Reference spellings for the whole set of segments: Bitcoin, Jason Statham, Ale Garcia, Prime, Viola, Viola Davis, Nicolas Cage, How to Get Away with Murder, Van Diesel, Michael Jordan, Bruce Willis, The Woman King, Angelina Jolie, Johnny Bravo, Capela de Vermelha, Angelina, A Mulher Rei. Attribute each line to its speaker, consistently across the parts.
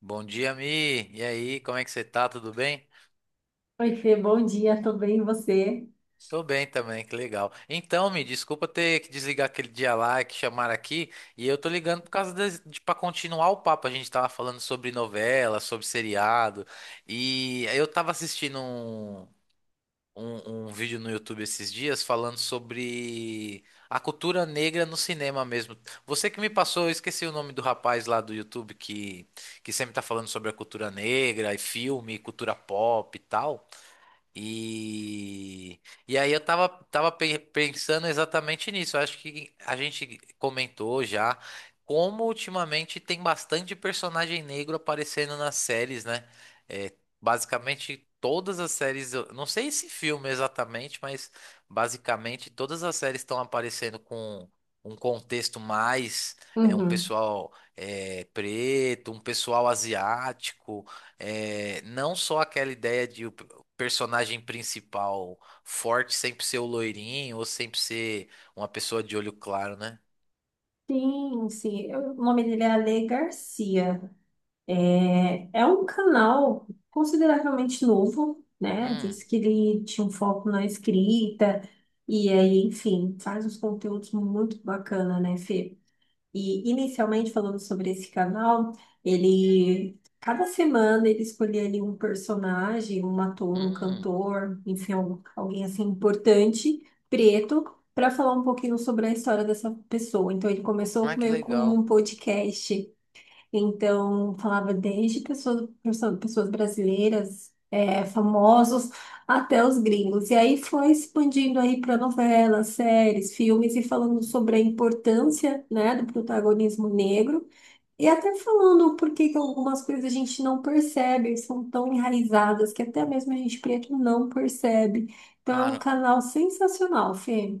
Speaker 1: Bom dia, Mi. E aí, como é que você tá? Tudo bem?
Speaker 2: Oi, Fê, bom dia, tudo bem, e você?
Speaker 1: Tô bem também, que legal. Então, Mi, desculpa ter que desligar aquele dia lá que chamaram aqui. E eu tô ligando por causa de para continuar o papo. A gente tava falando sobre novela, sobre seriado. E eu tava assistindo um vídeo no YouTube esses dias falando sobre a cultura negra no cinema mesmo. Você que me passou, eu esqueci o nome do rapaz lá do YouTube que sempre tá falando sobre a cultura negra e filme, cultura pop e tal. E, e aí eu pensando exatamente nisso. Eu acho que a gente comentou já como ultimamente tem bastante personagem negro aparecendo nas séries, né? É, basicamente todas as séries, eu não sei esse filme exatamente, mas basicamente todas as séries estão aparecendo com um contexto mais é um
Speaker 2: Uhum.
Speaker 1: pessoal é, preto, um pessoal asiático. É, não só aquela ideia de personagem principal forte sempre ser o loirinho ou sempre ser uma pessoa de olho claro, né?
Speaker 2: Sim, sim, o nome dele é Ale Garcia. É um canal consideravelmente novo, né? Diz
Speaker 1: Hum,
Speaker 2: que ele tinha um foco na escrita, e aí, enfim, faz uns conteúdos muito bacana, né, Fê? E inicialmente falando sobre esse canal, ele cada semana ele escolhia ali um personagem, um ator, um
Speaker 1: hum.
Speaker 2: cantor, enfim, alguém assim importante, preto, para falar um pouquinho sobre a história dessa pessoa. Então ele
Speaker 1: Ah,
Speaker 2: começou
Speaker 1: que
Speaker 2: meio com
Speaker 1: legal.
Speaker 2: um podcast então, falava desde pessoas, pessoas brasileiras, famosos, até os gringos. E aí foi expandindo aí para novelas, séries, filmes e falando sobre a importância, né, do protagonismo negro. E até falando por que que algumas coisas a gente não percebe, são tão enraizadas que até mesmo a gente preto não percebe. Então, é um
Speaker 1: Cara,
Speaker 2: canal sensacional, Fê.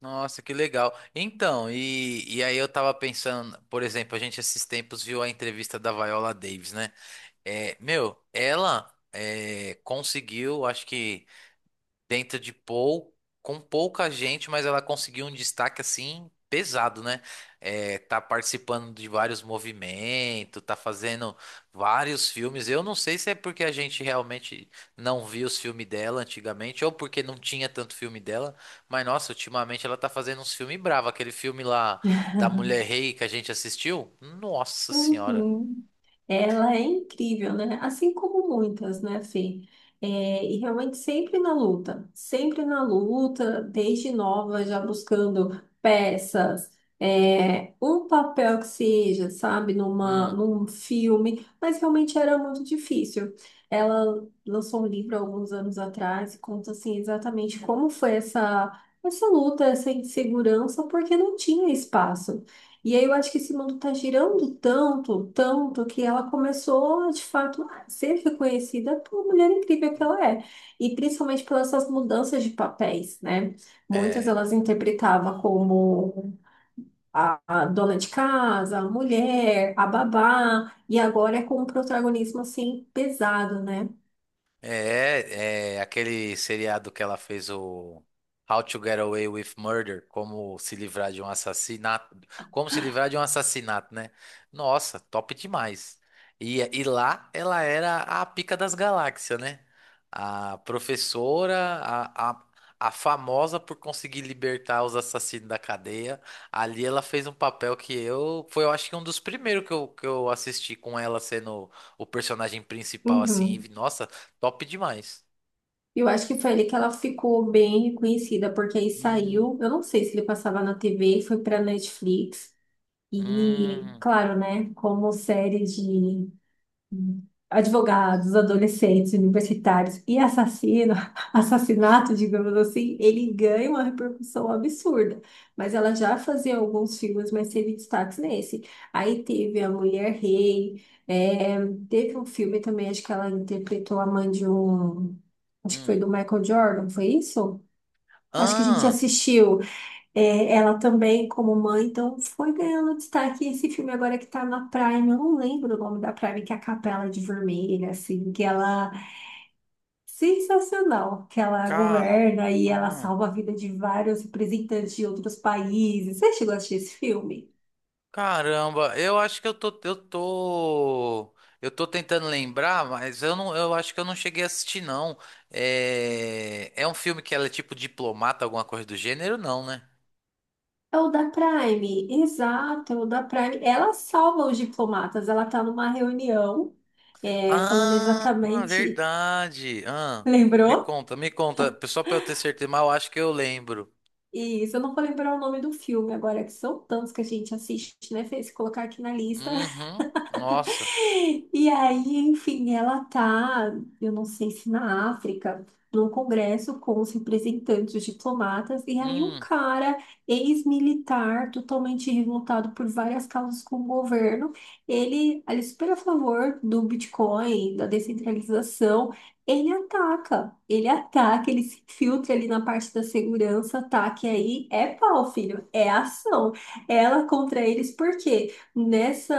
Speaker 1: nossa, que legal. Então, e aí eu tava pensando, por exemplo, a gente esses tempos viu a entrevista da Viola Davis, né? É, meu, ela é, conseguiu, acho que dentro de pou, com pouca gente, mas ela conseguiu um destaque assim pesado, né? É, tá participando de vários movimentos, tá fazendo vários filmes. Eu não sei se é porque a gente realmente não viu os filmes dela antigamente ou porque não tinha tanto filme dela, mas nossa, ultimamente ela tá fazendo uns filmes bravos. Aquele filme lá da Mulher Rei que a gente assistiu, nossa senhora.
Speaker 2: Uhum. Ela é incrível, né? Assim como muitas, né, Fê? É, e realmente sempre na luta, desde nova, já buscando peças, um papel que seja, sabe, numa,
Speaker 1: Hum,
Speaker 2: num filme, mas realmente era muito difícil. Ela lançou um livro há alguns anos atrás e conta, assim, exatamente como foi essa luta, essa insegurança, porque não tinha espaço. E aí eu acho que esse mundo está girando tanto, tanto, que ela começou, de fato, a ser reconhecida por mulher incrível que ela é. E principalmente pelas essas mudanças de papéis, né? Muitas
Speaker 1: é.
Speaker 2: elas interpretavam como a dona de casa, a mulher, a babá, e agora é com um protagonismo, assim, pesado, né?
Speaker 1: É, é aquele seriado que ela fez o How to Get Away with Murder, como se livrar de um assassinato, como se livrar de um assassinato, né? Nossa, top demais. E lá ela era a pica das galáxias, né? A professora, a famosa por conseguir libertar os assassinos da cadeia. Ali ela fez um papel que eu, foi eu acho que um dos primeiros que eu assisti com ela sendo o personagem principal assim,
Speaker 2: Uhum.
Speaker 1: e, nossa, top demais.
Speaker 2: Eu acho que foi ali que ela ficou bem reconhecida, porque aí
Speaker 1: Hum,
Speaker 2: saiu, eu não sei se ele passava na TV, foi para Netflix. E,
Speaker 1: hum,
Speaker 2: claro, né, como série de advogados, adolescentes, universitários e assassino, assassinato, digamos assim, ele ganha uma repercussão absurda. Mas ela já fazia alguns filmes, mas teve destaques nesse. Aí teve A Mulher Rei, teve um filme também, acho que ela interpretou a mãe de um. Acho que foi
Speaker 1: hum.
Speaker 2: do Michael Jordan, foi isso? Acho que a gente
Speaker 1: Ah,
Speaker 2: assistiu. É, ela também, como mãe, então foi ganhando destaque. E esse filme agora que tá na Prime, eu não lembro o nome da Prime, que é a Capela de Vermelha, assim, que ela. Sensacional, que ela
Speaker 1: ca...
Speaker 2: governa e ela
Speaker 1: hum.
Speaker 2: salva a vida de vários representantes de outros países. Você chegou a assistir esse filme?
Speaker 1: Caramba, eu acho que eu tô tentando lembrar, mas eu não, eu acho que eu não cheguei a assistir, não. É, é um filme que ela é tipo diplomata, alguma coisa do gênero, não, né?
Speaker 2: É o da Prime, exato, é o da Prime. Ela salva os diplomatas, ela tá numa reunião, falando
Speaker 1: Ah,
Speaker 2: exatamente.
Speaker 1: verdade. Ah, me
Speaker 2: Lembrou?
Speaker 1: conta, me conta. Só pra eu ter certeza, mas eu acho que eu lembro.
Speaker 2: Isso, eu não vou lembrar o nome do filme agora, que são tantos que a gente assiste, né, Fê? Se colocar aqui na lista,
Speaker 1: Uhum, nossa.
Speaker 2: e aí, enfim, ela tá, eu não sei se na África, num congresso com os representantes diplomatas, e aí um
Speaker 1: Hum,
Speaker 2: cara, ex-militar, totalmente revoltado por várias causas com o governo, ele é super a favor do Bitcoin, da descentralização, ele ataca, ele ataca, ele se filtra ali na parte da segurança, ataque aí é pau, filho, é ação. Ela contra eles, por quê? Nessa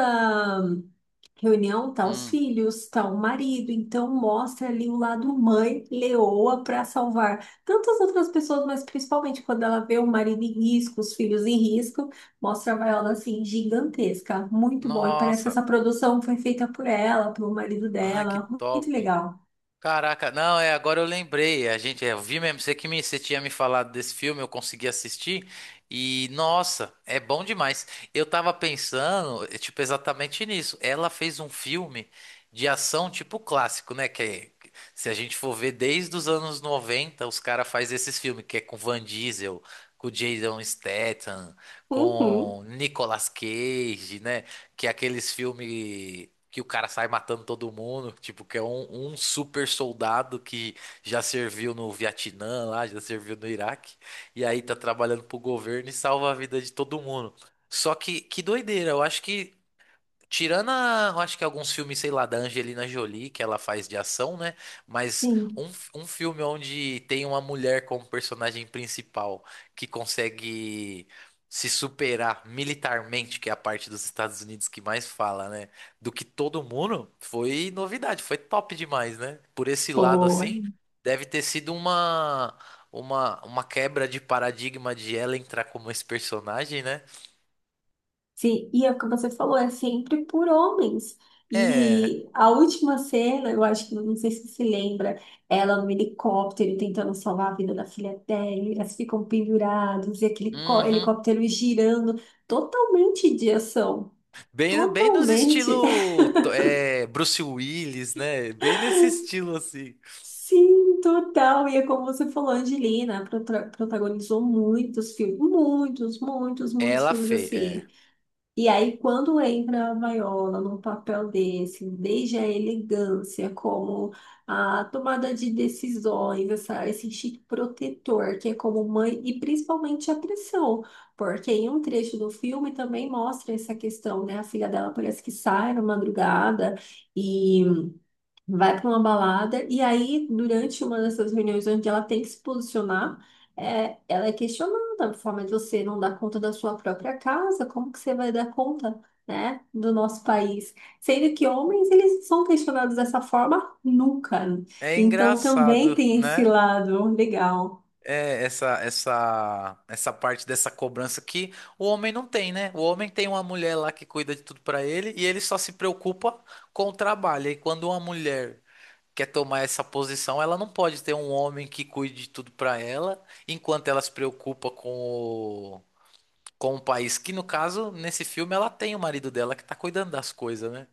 Speaker 2: reunião tá os
Speaker 1: hum.
Speaker 2: filhos, tá o marido, então mostra ali o lado mãe leoa para salvar tantas outras pessoas, mas principalmente quando ela vê o marido em risco, os filhos em risco, mostra a Viola assim gigantesca, muito bom. E parece que
Speaker 1: Nossa.
Speaker 2: essa produção foi feita por ela, pelo marido
Speaker 1: Ai, que
Speaker 2: dela, muito
Speaker 1: top.
Speaker 2: legal.
Speaker 1: Caraca, não, é, agora eu lembrei. A gente, é, eu vi mesmo, você que me, você tinha me falado desse filme, eu consegui assistir. E, nossa, é bom demais. Eu tava pensando, tipo, exatamente nisso. Ela fez um filme de ação, tipo, clássico, né? Que se a gente for ver desde os anos 90, os caras fazem esses filmes, que é com Van Diesel, com Jason Statham,
Speaker 2: Uhum.
Speaker 1: com Nicolas Cage, né? Que é aqueles filmes que o cara sai matando todo mundo, tipo, que é um super soldado que já serviu no Vietnã lá, já serviu no Iraque, e aí tá trabalhando pro governo e salva a vida de todo mundo. Só que doideira, eu acho que tirando, eu acho que alguns filmes, sei lá, da Angelina Jolie, que ela faz de ação, né? Mas
Speaker 2: Sim.
Speaker 1: um filme onde tem uma mulher como personagem principal que consegue se superar militarmente, que é a parte dos Estados Unidos que mais fala, né? Do que todo mundo, foi novidade, foi top demais, né? Por esse lado,
Speaker 2: Boa.
Speaker 1: assim, deve ter sido uma quebra de paradigma de ela entrar como esse personagem, né?
Speaker 2: Sim, e é o que você falou, é sempre por homens.
Speaker 1: É.
Speaker 2: E a última cena, eu acho que não sei se você lembra, ela no helicóptero tentando salvar a vida da filha dela, e elas ficam pendurados, e aquele
Speaker 1: Uhum.
Speaker 2: helicóptero girando, totalmente de ação,
Speaker 1: Bem,
Speaker 2: totalmente.
Speaker 1: é, Bruce Willis, né? Bem nesse estilo assim.
Speaker 2: Sim, total. E é como você falou, a Angelina protagonizou muitos filmes, muitos, muitos, muitos
Speaker 1: Ela
Speaker 2: filmes
Speaker 1: fez, é.
Speaker 2: assim. E aí, quando entra a Viola num papel desse, desde a elegância, como a tomada de decisões, esse instinto protetor, que é como mãe, e principalmente a pressão, porque em um trecho do filme também mostra essa questão, né? A filha dela parece que sai na madrugada e vai para uma balada e aí, durante uma dessas reuniões onde ela tem que se posicionar, ela é questionada, a forma de você não dar conta da sua própria casa, como que você vai dar conta, né, do nosso país? Sendo que homens, eles são questionados dessa forma nunca.
Speaker 1: É
Speaker 2: Então, também
Speaker 1: engraçado,
Speaker 2: tem esse
Speaker 1: né?
Speaker 2: lado legal.
Speaker 1: É essa parte dessa cobrança que o homem não tem, né? O homem tem uma mulher lá que cuida de tudo pra ele e ele só se preocupa com o trabalho. E quando uma mulher quer tomar essa posição, ela não pode ter um homem que cuide de tudo pra ela, enquanto ela se preocupa com um país que, no caso, nesse filme, ela tem o marido dela que tá cuidando das coisas, né?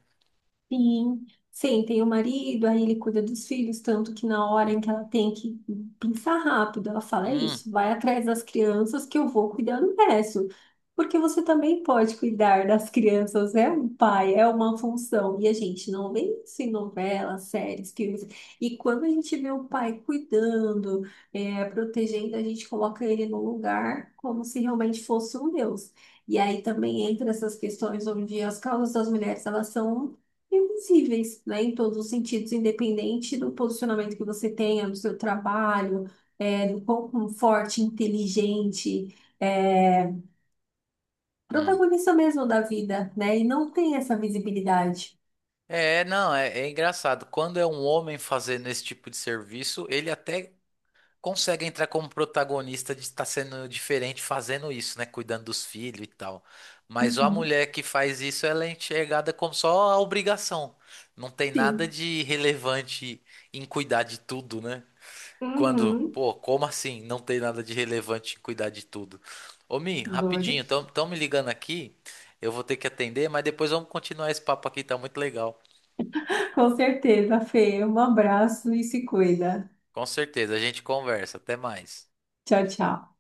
Speaker 2: Sim, sim, tem o marido, aí ele cuida dos filhos, tanto que na hora
Speaker 1: E-
Speaker 2: em que ela tem que pensar rápido, ela fala, é
Speaker 1: Hum,
Speaker 2: isso, vai atrás das crianças que eu vou cuidar do resto. Porque você também pode cuidar das crianças, é um pai, é uma função. E a gente não vê isso em novelas, séries, filmes. E quando a gente vê o pai cuidando, protegendo, a gente coloca ele no lugar como se realmente fosse um deus. E aí também entra essas questões onde as causas das mulheres, elas são invisíveis, né, em todos os sentidos, independente do posicionamento que você tenha no seu trabalho, do quão forte, inteligente, é,
Speaker 1: hum.
Speaker 2: protagonista mesmo da vida, né, e não tem essa visibilidade.
Speaker 1: É, não, é, é engraçado. Quando é um homem fazendo esse tipo de serviço, ele até consegue entrar como protagonista de estar sendo diferente fazendo isso, né? Cuidando dos filhos e tal. Mas a
Speaker 2: Uhum.
Speaker 1: mulher que faz isso, ela é enxergada como só a obrigação. Não tem nada
Speaker 2: Sim.
Speaker 1: de relevante em cuidar de tudo, né? Quando,
Speaker 2: Uhum.
Speaker 1: pô, como assim? Não tem nada de relevante em cuidar de tudo. Ô, Mi,
Speaker 2: Doido.
Speaker 1: rapidinho, estão me ligando aqui. Eu vou ter que atender, mas depois vamos continuar esse papo aqui, tá muito legal.
Speaker 2: Com certeza, Fê. Um abraço e se cuida.
Speaker 1: Com certeza, a gente conversa. Até mais.
Speaker 2: Tchau, tchau.